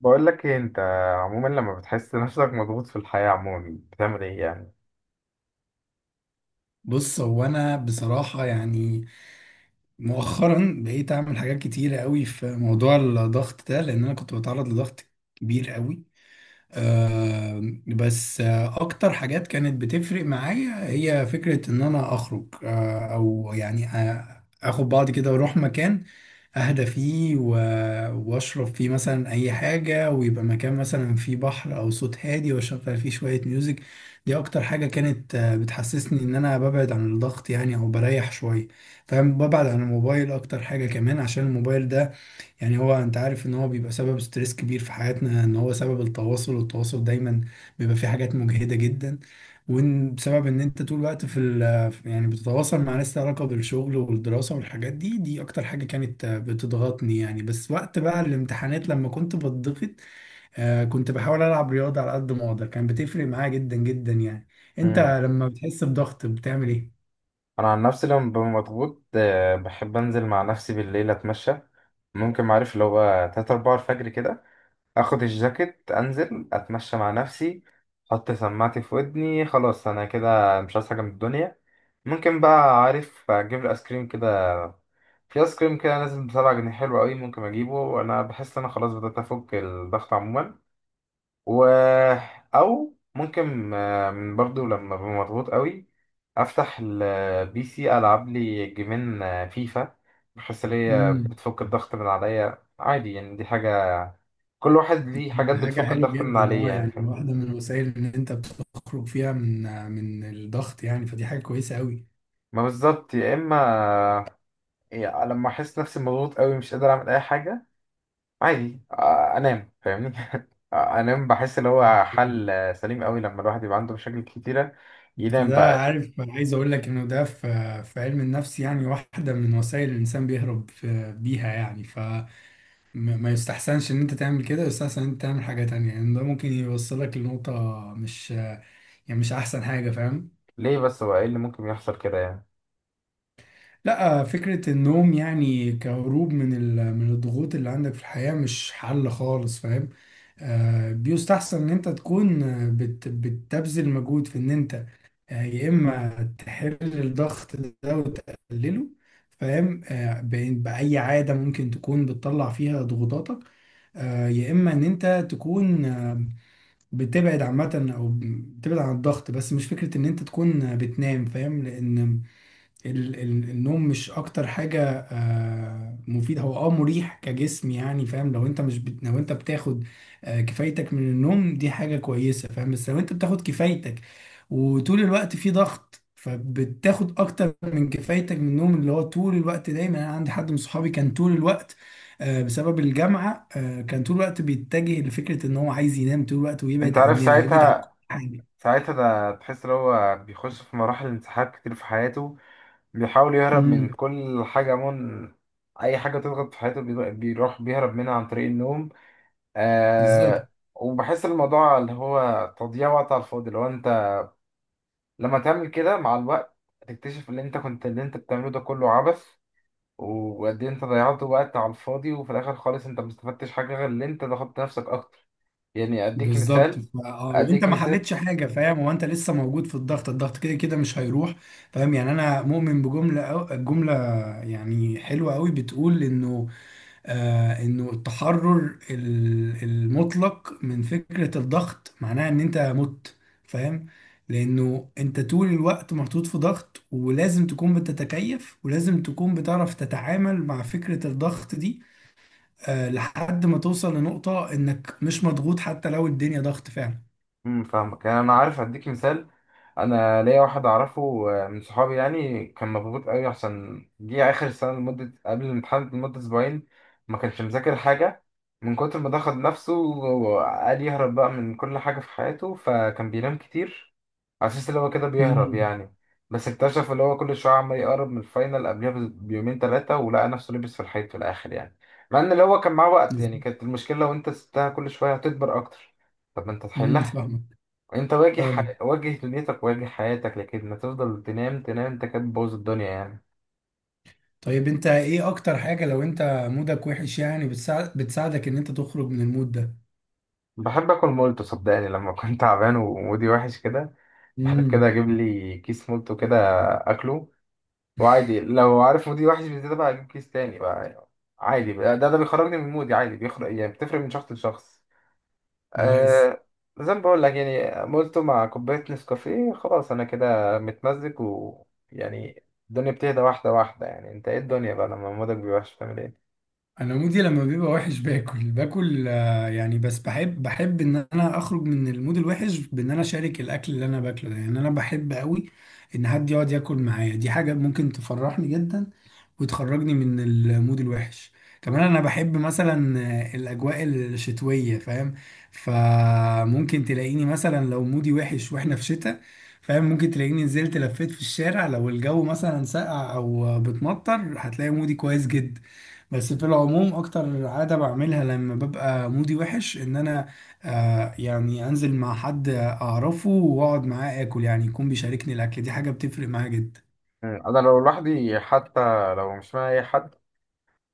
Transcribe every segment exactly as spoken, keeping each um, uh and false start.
بقول لك ايه، انت عموما لما بتحس نفسك مضغوط في الحياة، عموما بتعمل ايه يعني؟ بص هو انا بصراحه يعني مؤخرا بقيت اعمل حاجات كتيره قوي في موضوع الضغط ده لان انا كنت بتعرض لضغط كبير قوي. آه، بس آه، اكتر حاجات كانت بتفرق معايا هي فكرة ان انا اخرج، آه، او يعني آه، اخد بعض كده واروح مكان اهدى فيه و- واشرب فيه مثلا اي حاجة، ويبقى مكان مثلا فيه بحر او صوت هادي واشغل فيه شوية ميوزك. دي اكتر حاجة كانت آه، بتحسسني ان انا ببعد عن الضغط يعني، او بريح شوية. فاهم؟ ببعد عن الموبايل اكتر حاجة كمان، عشان الموبايل ده يعني هو انت عارف ان هو بيبقى سبب ستريس كبير في حياتنا، ان هو سبب التواصل، والتواصل دايما بيبقى فيه حاجات مجهدة جدا. وان بسبب ان انت طول الوقت في ال يعني بتتواصل مع ناس لها علاقة بالشغل والدراسة والحاجات دي، دي اكتر حاجة كانت بتضغطني يعني. بس وقت بقى الامتحانات لما كنت بتضغط آه، كنت بحاول العب رياضة على قد ما اقدر، كان بتفرق معايا جدا جدا يعني. انت امم لما بتحس بضغط بتعمل انا عن نفسي لما ببقى مضغوط، آه، بحب انزل مع نفسي بالليل اتمشى. ممكن، معرف، اللي هو ثلاثة اربعة الفجر كده. اخد الجاكيت، انزل اتمشى مع نفسي. احط سماعتي في ودني، خلاص انا كده مش عايز حاجة من الدنيا. ممكن بقى، عارف، اجيب الايس كريم كده. في ايس كريم كده نازل بسبعة جنيه حلو قوي، ممكن اجيبه، انا بحس ان انا خلاص بدأت افك الضغط عموما. و، او ممكن، آه، برضو لما ابقى مضغوط قوي، افتح البي سي العب لي جيمين، آه، فيفا. بحس ان هي ايه؟ بتفك الضغط من عليا عادي، يعني دي حاجه، كل واحد ليه حاجات حاجة بتفك حلوة الضغط من جدا. عليه اه يعني. يعني فاهم؟ واحدة من الوسائل ان انت بتخرج فيها من من الضغط يعني، فدي حاجة كويسة قوي. ما بالظبط يا اما. يعني لما احس نفسي مضغوط قوي مش قادر اعمل اي حاجه، عادي، آه، انام، فاهمني؟ آه، انام، بحس اللي هو حل، آه، سليم قوي لما الواحد يبقى عنده مشاكل كتيره. بس ينام ده بقى. عارف عايز اقول لك انه ده في في علم النفس يعني واحدة من وسائل الانسان بيهرب في- بيها يعني، فما ما يستحسنش ان انت تعمل كده. يستحسن ان انت تعمل حاجة تانية، يعني ده ممكن يوصلك لنقطة مش يعني مش احسن حاجة. فاهم؟ ليه بس؟ هو ايه اللي ممكن يحصل كده يعني؟ لا، فكرة النوم يعني كهروب من ال- من الضغوط اللي عندك في الحياة مش حل خالص. فاهم؟ آه، بيستحسن ان انت تكون آه، بت بتبذل مجهود في ان انت، آه، يا اما تحل الضغط ده وتقلله، فاهم؟ آه، ب- بأي عادة ممكن تكون بتطلع فيها ضغوطاتك، آه، يا اما ان انت تكون آه، بتبعد عامة، او بتبعد عن الضغط، بس مش فكرة ان انت تكون آه، بتنام. فاهم؟ لان ال- ال- النوم مش اكتر حاجة آه، مفيدة. هو اه مريح كجسم يعني. فاهم؟ لو انت مش بت... لو انت بتاخد آه، كفايتك من النوم دي حاجة كويسة. فاهم؟ بس لو انت بتاخد كفايتك وطول الوقت في ضغط فبتاخد اكتر من كفايتك من النوم، اللي هو طول الوقت دايما. انا عندي حد من صحابي كان طول الوقت، آه، بسبب الجامعة، آه، كان طول الوقت بيتجه لفكرة ان هو عايز ينام طول الوقت انت ويبعد عارف عننا، يبعد عن كل ساعتها، حاجة. ساعتها ده تحس ان هو بيخش في مراحل انسحاق كتير في حياته، بيحاول يهرب من امم، كل حاجة، من اي حاجة تضغط في حياته، بيض- بيروح بيهرب منها عن طريق النوم. بالظبط. آه. وبحس الموضوع اللي هو تضييع وقت على الفاضي، لو انت لما تعمل كده مع الوقت هتكتشف ان انت كنت اللي انت بتعمله ده كله عبث، وقد ايه انت ضيعت وقت على الفاضي. وفي الاخر خالص انت ما استفدتش حاجة غير ان انت ضغطت نفسك اكتر. يعني اديك بالظبط، مثال. ف- اه وانت اديك ما مثال حلتش حاجه. فاهم؟ هو انت لسه موجود في الضغط، الضغط كده كده مش هيروح. فاهم يعني انا مؤمن بجمله أو جمله يعني حلوه قوي، بتقول انه آه انه التحرر ال- المطلق من فكره الضغط معناها ان انت مت. فاهم؟ لانه انت طول الوقت محطوط في ضغط، ولازم تكون بتتكيف، ولازم تكون بتعرف تتعامل مع فكره الضغط دي آه، لحد ما توصل لنقطة انك مش مضغوط حتى لو الدنيا ضغط فعلا. امم فاهمك يعني، انا عارف هديك مثال. انا ليا واحد اعرفه، آه، من صحابي يعني، كان مضغوط قوي عشان جه اخر السنه لمده قبل الامتحان لمده اسبوعين. ما كانش مذاكر حاجه، من كتر ما ضغط نفسه وقال يهرب بقى من كل حاجه في حياته، فكان بينام كتير على اساس اللي هو كده بيهرب امم، يعني. بس اكتشف اللي هو كل شويه عمال يقرب من الفاينل، قبلها بيومين ثلاثه، ولقى نفسه لبس في الحيط في الاخر يعني. مع ان اللي هو كان معاه وقت يعني، كانت المشكله لو انت سبتها كل شويه هتكبر اكتر. طب ما انت امم، تحلها، فاهمك. انت واجه فاهمك. ح... واجه دنيتك، واجه حياتك، لكن ما تفضل تنام تنام، انت كده بتبوظ الدنيا يعني. طيب انت ايه اكتر حاجة لو انت مودك وحش يعني بتساعد بتساعدك ان انت تخرج من المود ده؟ بحب اكل مولتو، صدقني لما كنت تعبان ومودي وحش كده، بحب كده امم. اجيب لي كيس مولتو كده، اكله. وعادي لو عارف مودي وحش بزيادة بقى، اجيب كيس تاني بقى، عادي بقى. ده ده بيخرجني من مودي عادي، بيخرج يعني. بتفرق من شخص لشخص. نايس. أه... زي ما بقول لك يعني، مولتو مع كوباية نسكافيه خلاص انا كده متمزج، و، يعني الدنيا بتهدى واحدة واحدة يعني. انت ايه الدنيا بقى لما مودك بيبقى وحش بتعمل ايه؟ انا مودي لما بيبقى وحش باكل، باكل آه، يعني، بس بحب بحب ان انا اخرج من المود الوحش بان انا اشارك الاكل اللي انا باكله ده. يعني انا بحب قوي ان حد يقعد ياكل معايا، دي حاجة ممكن تفرحني جدا وتخرجني من المود الوحش. كمان انا بحب مثلا الاجواء الشتويه، فاهم؟ فممكن تلاقيني مثلا لو مودي وحش واحنا في شتاء، فاهم؟ ممكن تلاقيني نزلت لفيت في الشارع. لو الجو مثلا ساقع او بتمطر هتلاقي مودي كويس جدا. بس في العموم اكتر عادة بعملها لما ببقى مودي وحش ان انا آه يعني انزل مع حد اعرفه واقعد معاه اكل، يعني يكون بيشاركني الاكل، دي حاجة بتفرق معايا جدا. مم. انا لو لوحدي حتى، لو مش معايا اي حد،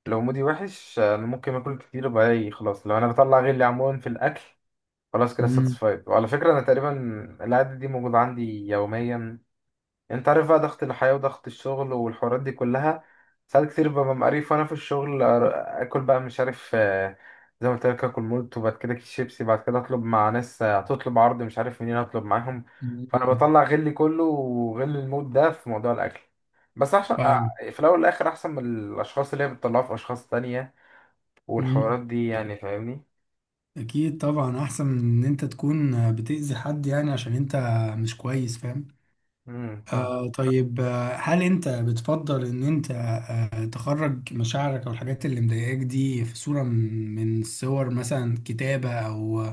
لو مودي وحش انا ممكن اكل كتير بقى، إيه، خلاص لو انا بطلع غلي عموما في الاكل خلاص كده امم، ساتسفايد. وعلى فكره انا تقريبا العاده دي موجوده عندي يوميا. يعني انت عارف بقى ضغط الحياة وضغط الشغل والحوارات دي كلها، ساعات كتير ببقى مقريف وانا في الشغل، أر- اكل بقى، مش عارف، آه، زي ما قلت لك اكل مولت وبعد كده كيس شيبسي، بعد كده اطلب مع ناس، آه، هتطلب عرض، مش عارف منين اطلب معاهم. فانا بطلع غلي كله وغل الموت ده في موضوع الاكل، بس عشان فاهم. آه، في الاول والاخر احسن من الاشخاص اللي هي بتطلعها في اشخاص تانية مم. والحوارات دي يعني، فاهمني؟ اكيد طبعا احسن من ان انت تكون بتأذي حد يعني عشان انت مش كويس. فاهم؟ امم فاهم. آه، طيب، آه، هل انت بتفضل ان انت تخرج مشاعرك او الحاجات اللي مضايقاك دي في صورة من من صور، مثلا كتابة او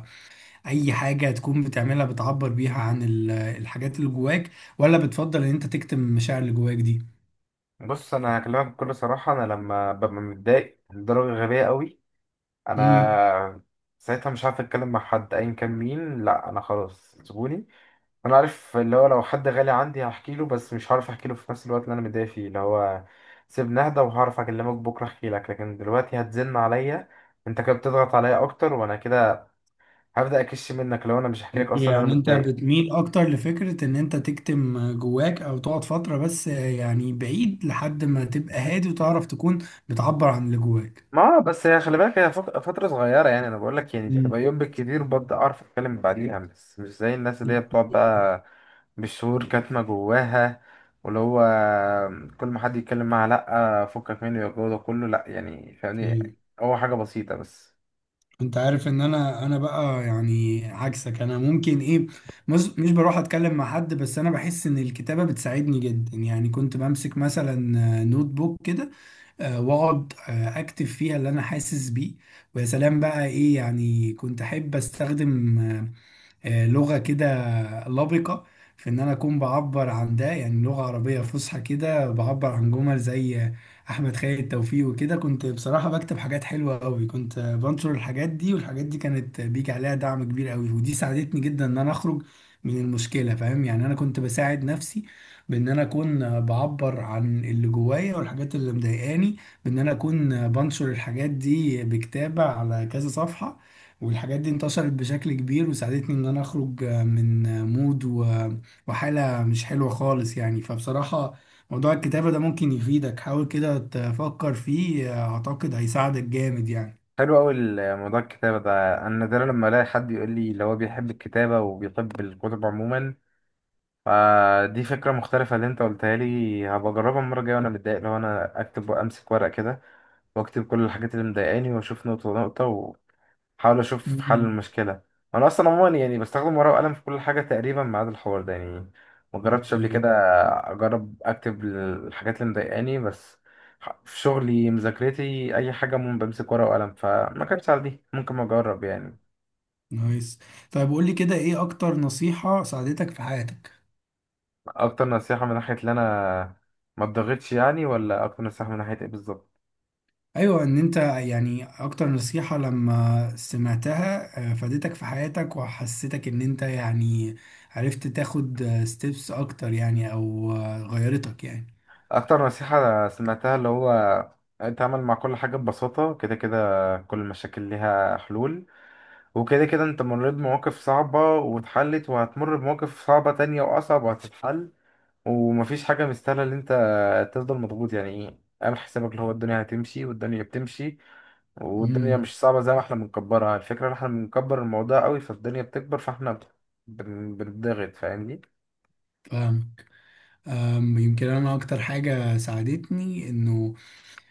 اي حاجة تكون بتعملها بتعبر بيها عن ال- الحاجات اللي جواك؟ ولا بتفضل ان انت تكتم المشاعر اللي جواك دي؟ بص انا هكلمك بكل صراحة، انا لما ببقى متضايق لدرجة غبية قوي، مم. انا ساعتها مش عارف اتكلم مع حد ايا كان مين، لا انا خلاص سيبوني، انا عارف اللي هو لو حد غالي عندي هحكي له، بس مش هعرف احكي له في نفس الوقت اللي انا متضايق فيه، اللي هو سيبني اهدى وهعرف اكلمك بكره، احكي لك. لكن دلوقتي هتزن عليا انت كده، بتضغط عليا اكتر وانا كده هبدا اكش منك لو انا مش هحكي لك اصلا إن انا يعني انت متضايق. بتميل اكتر لفكرة ان انت تكتم جواك، او تقعد فترة بس يعني بعيد لحد ما تبقى هادي وتعرف تكون بتعبر عن اللي جواك. ما آه، بس هي خلي بالك، هي فت- فترة صغيرة يعني. أنا بقول لك يعني تبقى مم. يوم بالكتير، وببدأ أعرف أتكلم بعديها، بس مش زي الناس اللي هي بتقعد بقى بالشهور كاتمة جواها، واللي هو كل ما حد يتكلم معاها لأ فكك منه، يا الجو ده كله لأ يعني، فاهمني؟ اوكي. هو حاجة بسيطة بس. انت عارف ان انا انا بقى يعني عكسك، انا ممكن ايه مش مش بروح اتكلم مع حد، بس انا بحس ان الكتابة بتساعدني جدا. يعني كنت بمسك مثلا نوت بوك كده، آه، واقعد آه، اكتب فيها اللي انا حاسس بيه. ويا سلام بقى ايه، يعني كنت احب استخدم آه، لغة كده لبقة، في إن أنا أكون بعبر عن ده، يعني لغة عربية فصحى كده بعبر عن جمل زي أحمد خالد توفيق، وكده كنت بصراحة بكتب حاجات حلوة أوي. كنت بنشر الحاجات دي، والحاجات دي كانت بيجي عليها دعم كبير أوي، ودي ساعدتني جدا إن أنا أخرج من المشكلة. فاهم؟ يعني أنا كنت بساعد نفسي بإن أنا أكون بعبر عن اللي جوايا والحاجات اللي مضايقاني، بإن أنا أكون بنشر الحاجات دي بكتابة على كذا صفحة. والحاجات دي انتشرت بشكل كبير، وساعدتني ان انا اخرج من مود و- وحالة مش حلوة خالص يعني. فبصراحة موضوع الكتابة ده ممكن يفيدك، حاول كده تفكر فيه، اعتقد هيساعدك جامد يعني. حلو أوي. موضوع الكتابة ده أنا نادرا لما ألاقي حد يقول لي اللي هو بيحب الكتابة وبيحب الكتب عموما، فدي فكرة مختلفة اللي أنت قلتها لي، هبقى أجربها المرة الجاية وأنا متضايق، لو أنا أكتب وأمسك ورق كده واكتب كل الحاجات اللي مضايقاني، واشوف نقطة نقطة، واحاول اشوف حل مم. المشكلة. انا اصلا عموما يعني بستخدم ورقة وقلم في كل حاجة تقريبا ما عدا الحوار ده يعني، ما جربتش قبل اوكي. كده. اجرب اكتب الحاجات اللي مضايقاني بس. ح- في شغلي، مذاكرتي، اي حاجة، مم بمسك ورقة وقلم، فما كانتش على دي، ممكن ما اجرب يعني. نايس. طيب قول لي كده، ايه اكتر نصيحة ساعدتك في حياتك؟ اكتر نصيحة من ناحية ان انا ما اتضغطش يعني، ولا اكتر نصيحة من ناحية ايه بالظبط؟ ايوه، ان انت يعني اكتر نصيحة لما سمعتها آه، فادتك في حياتك وحسيتك ان انت يعني عرفت تاخد ستيبس اكتر يعني، او آه، غيرتك يعني. اكتر نصيحة سمعتها اللي هو اتعامل مع كل حاجة ببساطة، كده كده كل المشاكل ليها حلول، وكده كده انت مريت بمواقف صعبة واتحلت، وهتمر بمواقف صعبة تانية واصعب وهتتحل، ومفيش حاجة مستاهلة ان انت تفضل مضغوط يعني. ايه، اعمل حسابك اللي هو الدنيا هتمشي، والدنيا بتمشي، والدنيا امم، مش صعبة زي ما احنا بنكبرها، الفكرة ان احنا بنكبر الموضوع قوي فالدنيا بتكبر، فاحنا بن- بنضغط، فاهمني؟ فاهم. أم، يمكن انا اكتر حاجة ساعدتني انه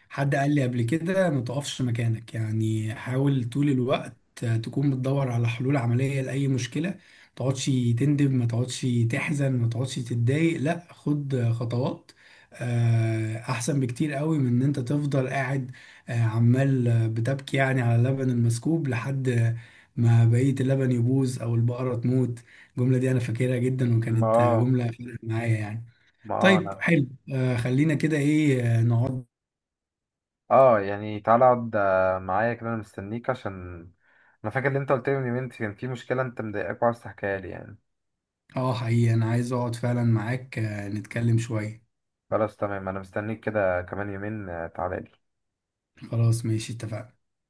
حد قال لي قبل كده، ما تقفش مكانك. يعني حاول طول الوقت تكون بتدور على حلول عملية لأي مشكلة. ما تقعدش تندب، ما تقعدش تحزن، ما تقعدش تتضايق، لا، خد خطوات آه، أحسن بكتير قوي من إن أنت تفضل قاعد آه، عمال بتبكي يعني على اللبن المسكوب لحد ما بقية اللبن يبوظ أو البقرة تموت. الجملة دي أنا فاكرها جدا، ما وكانت آه، آه، جملة فرقت معايا يعني. طيب ما حلو. آه، خلينا كده إيه آه، نقعد. اه يعني تعالى اقعد آه، معايا كده، انا مستنيك عشان انا فاكر اللي انت قلت لي من يومين كان في مشكله انت مضايقاك وعايز تحكيها لي يعني. اه حقيقي انا عايز اقعد فعلا معاك آه، نتكلم شوية. خلاص تمام، انا مستنيك كده كمان يومين. آه، تعالى لي. خلاص ماشي، اتفقنا.